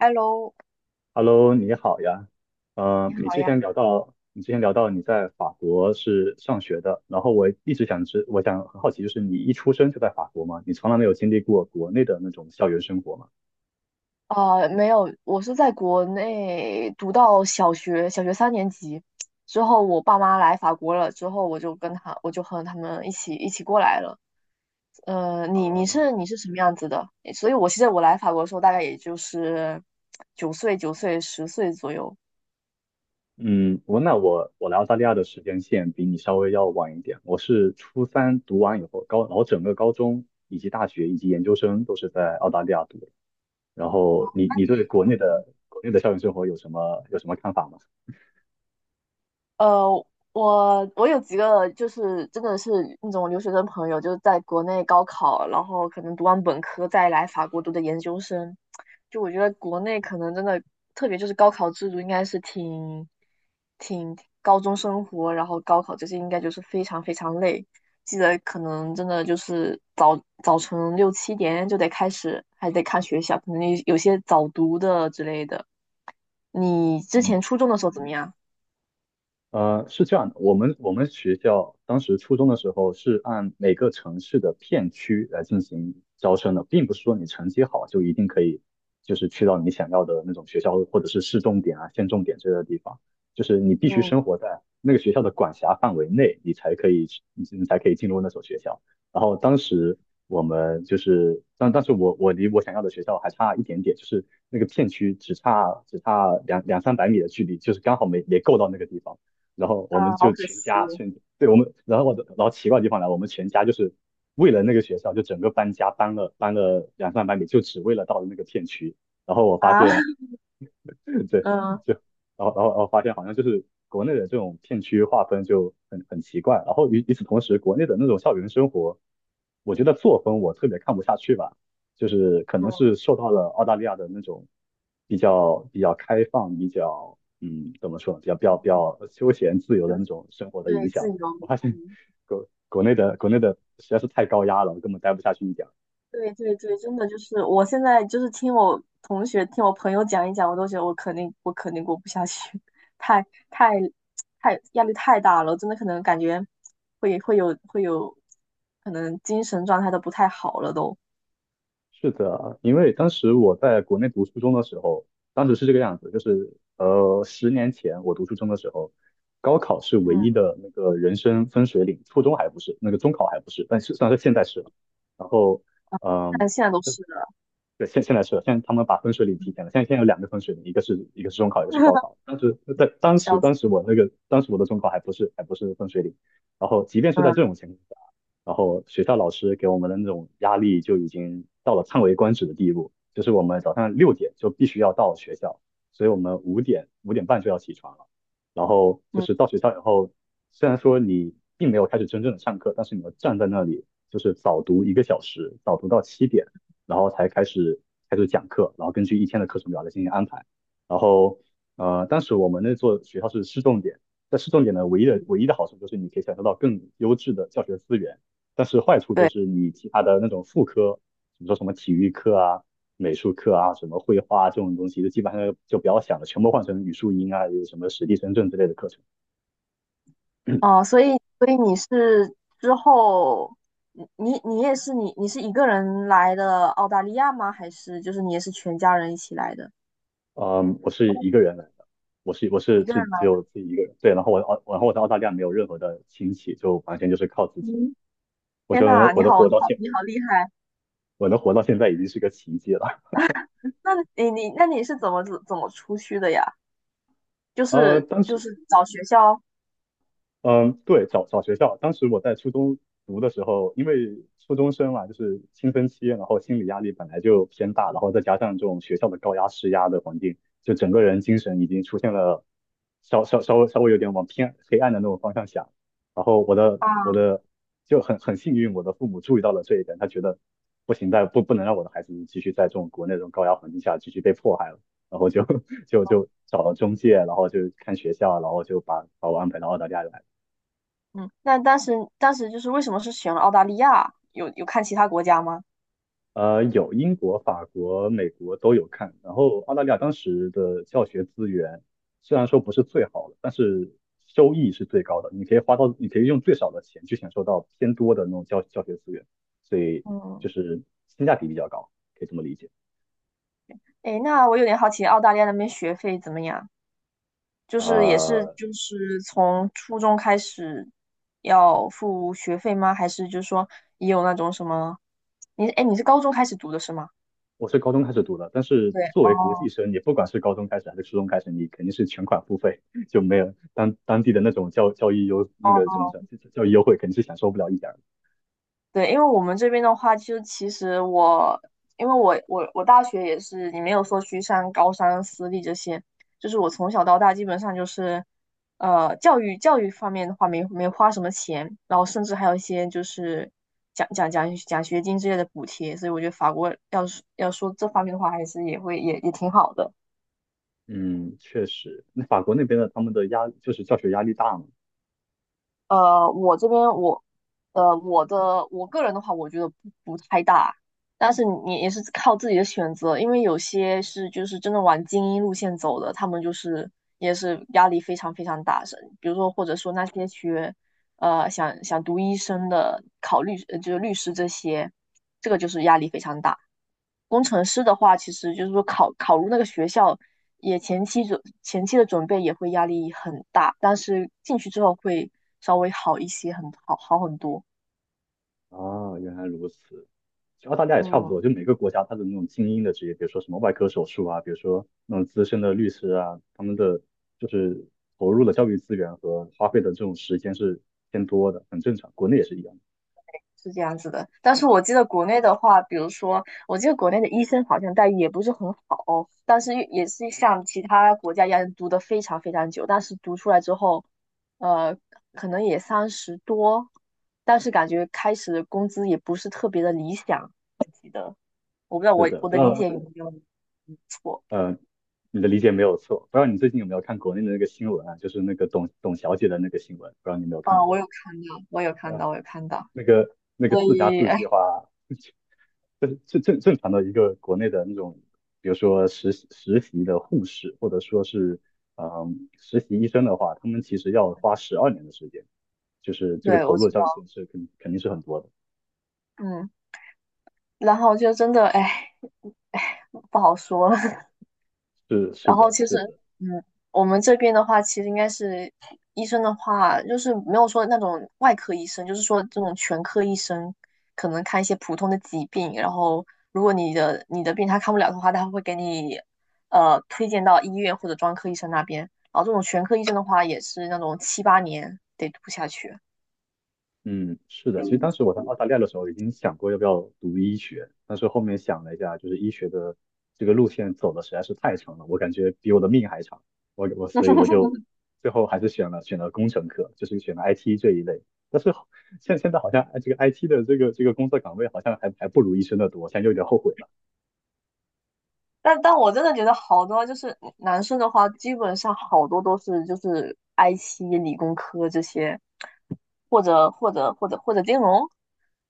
Hello，Hello，你好呀。你你好之呀。前聊到，你在法国是上学的，然后我一直想知，我想很好奇，就是你一出生就在法国吗？你从来没有经历过国内的那种校园生活吗？没有，我是在国内读到小学，小学三年级之后，我爸妈来法国了，之后我就和他们一起过来了。啊，你是什么样子的？所以我其实我来法国的时候，大概也就是九岁、十岁左右。嗯，我那我我来澳大利亚的时间线比你稍微要晚一点，我是初三读完以后，然后整个高中以及大学以及研究生都是在澳大利亚读的。然后你那你你，对国内嗯的校园生活有什么看法吗？呃，我有几个就是真的是那种留学生朋友，就是在国内高考，然后可能读完本科再来法国读的研究生。就我觉得国内可能真的，特别就是高考制度应该是挺高中生活，然后高考这些应该就是非常非常累。记得可能真的就是早晨六七点就得开始，还得看学校，可能有些早读的之类的。你之前嗯。初中的时候怎么样？是这样的，我们学校当时初中的时候是按每个城市的片区来进行招生的，并不是说你成绩好就一定可以，就是去到你想要的那种学校或者是市重点啊、县重点之类的地方，就是你必须嗯。生活在那个学校的管辖范围内，你才可以进入那所学校。然后当时我们就是，但但是我我离我想要的学校还差一点点，就是那个片区只差两三百米的距离，就是刚好没够到那个地方。然后我们啊，好就可全惜家全对我们，然后然后奇怪的地方来，我们全家就是为了那个学校，就整个搬家搬了两三百米，就只为了到了那个片区。然后我发啊，现 对，嗯就然后发现好像就是国内的这种片区划分就很奇怪，然后与此同时，国内的那种校园生活，我觉得作风我特别看不下去吧，就是可能嗯，是受到了澳大利亚的那种比较开放、比较嗯怎么说呢比较比较比较休闲自由的那种生活的影对，自响，由。我发现嗯，国内的实在是太高压了，我根本待不下去一点。对对对，真的就是，我现在就是听我同学、听我朋友讲一讲，我都觉得我肯定过不下去，太太太压力太大了，真的可能感觉会有，可能精神状态都不太好了都。是的啊，因为当时我在国内读初中的时候，当时是这个样子，10年前我读初中的时候，高考是唯一嗯，的那个人生分水岭，初中还不是，那个中考还不是，但是算是现在是了。然后，嗯、但现在都是了，对，现在是，现在他们把分水岭提前了。现在有两个分水岭，一个是中考，一个是高考。当时在当时笑当时死。我那个当时我的中考还不是分水岭，然后即便是在嗯这种情况下，然后学校老师给我们的那种压力就已经到了叹为观止的地步，就是我们早上6点就必须要到学校，所以我们5点半就要起床了。然后就嗯，是到学校以后，虽然说你并没有开始真正的上课，但是你要站在那里就是早读1个小时，早读到7点。然后才开始开始讲课，然后根据一天的课程表来进行安排。然后当时我们那座学校是市重点，在市重点呢，唯一的好处就是你可以享受到更优质的教学资源，但是坏处就是你其他的那种副科，比如说什么体育课啊、美术课啊、什么绘画啊这种东西，就基本上就不要想了，全部换成语数英啊，有什么史地生政之类的课程。哦，所以你是一个人来的澳大利亚吗？还是就是你也是全家人一起来的？嗯，我是一个人来的。我是一个人只来？有自己一个人，对，然后我在澳大利亚没有任何的亲戚，就完全就是靠自己。嗯，我天觉得呐，你我能好活你到好现，你好厉害！我能活到现在已经是个奇迹了。那那你是怎么出去的呀？就呃，是但就是。是找学校嗯，对，找学校。当时我在初中读的时候，因为初中生嘛，就是青春期，然后心理压力本来就偏大，然后再加上这种学校的高压施压的环境，就整个人精神已经出现了稍微有点往偏黑暗的那种方向想。然后我的我啊。的就很很幸运，我的父母注意到了这一点，他觉得不行，再不不能让我的孩子继续在这种国内这种高压环境下继续被迫害了。然后就 就找了中介，然后就看学校，然后就把我安排到澳大利亚来。嗯，那当时就是为什么是选了澳大利亚？有看其他国家吗？呃，有英国、法国、美国都有看。然后澳大利亚当时的教学资源虽然说不是最好的，但是收益是最高的。你可以用最少的钱去享受到偏多的那种教学资源，所以就嗯，是性价比比较高，可以这么理解。诶，那我有点好奇澳大利亚那边学费怎么样？就是也是呃，就是从初中开始要付学费吗？还是就是说也有那种什么？你是高中开始读的是吗？我是高中开始读的，但是对，作为国际哦生，你不管是高中开始还是初中开始，你肯定是全款付费，就没有当地的那种教育优那个哦。怎么讲，教育优惠，肯定是享受不了一点儿。对，因为我们这边的话，就其实我，因为我大学也是，你没有说去上高三、私立这些，就是我从小到大基本上就是，教育教育方面的话没花什么钱，然后甚至还有一些就是奖学金之类的补贴，所以我觉得法国要是要说这方面的话，还是也会挺好的。嗯，确实，那法国那边的他们的压就是教学压力大嘛。我这边我，我个人的话，我觉得不太大，但是你也是靠自己的选择，因为有些是就是真的往精英路线走的，他们就是也是压力非常非常大，是比如说或者说那些学，想读医生的，就是律师这些，这个就是压力非常大。工程师的话，其实就是说考入那个学校，也前期的准备也会压力很大，但是进去之后会稍微好一些，很好好很多。啊，原来如此。其实澳大利亚也差不多，嗯，就每个国家它的那种精英的职业，比如说什么外科手术啊，比如说那种资深的律师啊，他们的就是投入的教育资源和花费的这种时间是偏多的，很正常。国内也是一样的。是这样子的。但是我记得国内的话，比如说，我记得国内的医生好像待遇也不是很好，但是也是像其他国家一样读的非常非常久，但是读出来之后，呃，可能也三十多，但是感觉开始的工资也不是特别的理想。我不知道是我的，不我知的理道解有没有错呃，你的理解没有错。不知道你最近有没有看国内的那个新闻啊，就是那个董小姐的那个新闻，不知道你有没有看啊？我过有看到，我有看啊？到，我有看到，那个所四加以四哎。计划。正常的一个国内的那种，比如说实习的护士，或者说是实习医生的话，他们其实要花12年的时间，就是这个对，投我入的知道。上限是肯定是很多的。嗯，然后就真的哎哎不好说了，是是然后的，其实，是的，嗯，我们这边的话，其实应该是医生的话，就是没有说那种外科医生，就是说这种全科医生，可能看一些普通的疾病，然后如果你的病他看不了的话，他会给你推荐到医院或者专科医生那边。然后这种全科医生的话，也是那种七八年得读下去。嗯，是的，其实当时我在澳大利亚的时候已经想过要不要读医学，但是后面想了一下，就是医学的这个路线走的实在是太长了，我感觉比我的命还长，我我所以我 就最后还是选了工程科，就是选了 IT 这一类。但是好现现在好像这个 IT 的这个工作岗位好像还还不如医生的多，现在有点后悔了。但我真的觉得好多就是男生的话，基本上好多都是就是 IT、理工科这些。或者金融，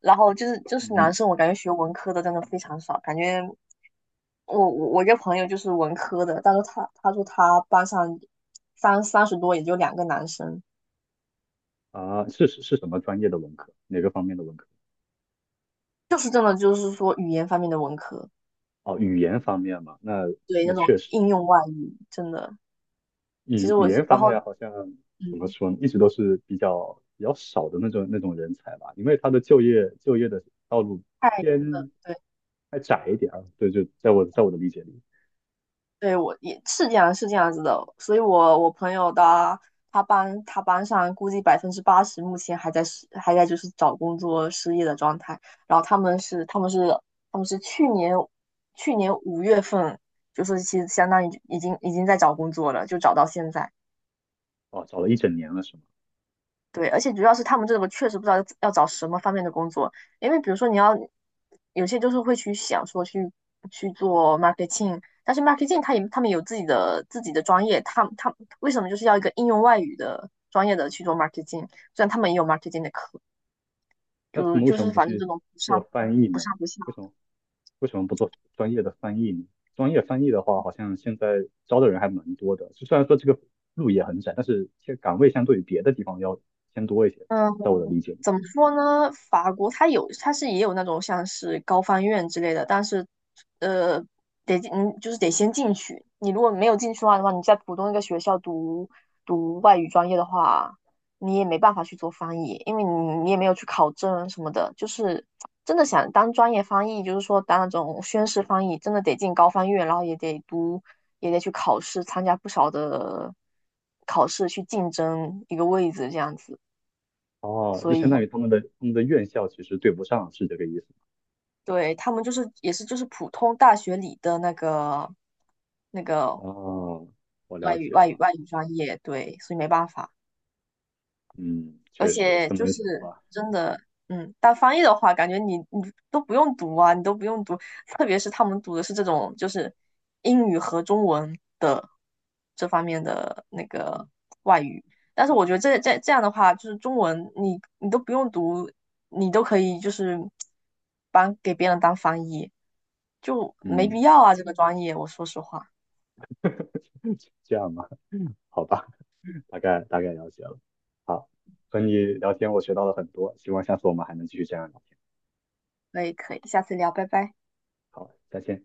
然后就是嗯，男生，我感觉学文科的真的非常少，感觉我一个朋友就是文科的，但是他说他班上三十多也就2个男生，是什么专业的文科？哪个方面的文科？就是真的就是说语言方面的文科，哦，语言方面嘛，那对那那种确实。应用外语真的，其实语我言是然方后面好像怎么嗯说呢，一直都是比较少的那种人才吧，因为他的就业的道路太偏对。还窄一点啊。对，就在我在我的理解里，对，我也是这样，是这样子的。所以我，我朋友的他班上估计80%目前还在失，还在就是找工作失业的状态。然后他们是去年5月份，就是其实相当于已经在找工作了，就找到现在。哦，找了一整年了是吗？对，而且主要是他们这个确实不知道要找什么方面的工作，因为比如说有些就是会去想说去做 marketing，但是 marketing 他们有自己的专业，他为什么就是要一个应用外语的专业的去做 marketing？虽然他们也有 marketing 的课，那他就们为就什么是不反正去这种不做上翻译不呢？上不下，为什么为什么不做专业的翻译呢？专业翻译的话，好像现在招的人还蛮多的，就虽然说这个路也很窄，但是这个岗位相对于别的地方要偏多一些，嗯。在我的理解。怎么说呢？法国它有，它是也有那种像是高翻院之类的，但是，呃，得进嗯，就是得先进去。你如果没有进去的话，你在普通一个学校读外语专业的话，你也没办法去做翻译，因为你也没有去考证什么的。就是真的想当专业翻译，就是说当那种宣誓翻译，真的得进高翻院，然后也得读，也得去考试，参加不少的考试去竞争一个位置这样子，哦，所就相以。当于他们的院校其实对不上，是这个意思吗？对，他们就是也是就是普通大学里的那个哦，我了外语解外语了。外语专业，对，所以没办法。嗯，而确实且这就么一想是的话，真的，当翻译的话，感觉你都不用读啊，你都不用读，特别是他们读的是这种就是英语和中文的这方面的那个外语，但是我觉得这样的话，就是中文你都不用读，你都可以就是帮给别人当翻译，就没必嗯，要啊，这个专业，我说实话，这样吧，好吧，大概了解了。好，和你聊天我学到了很多，希望下次我们还能继续这样聊天。可以可以，下次聊，拜拜。好，再见。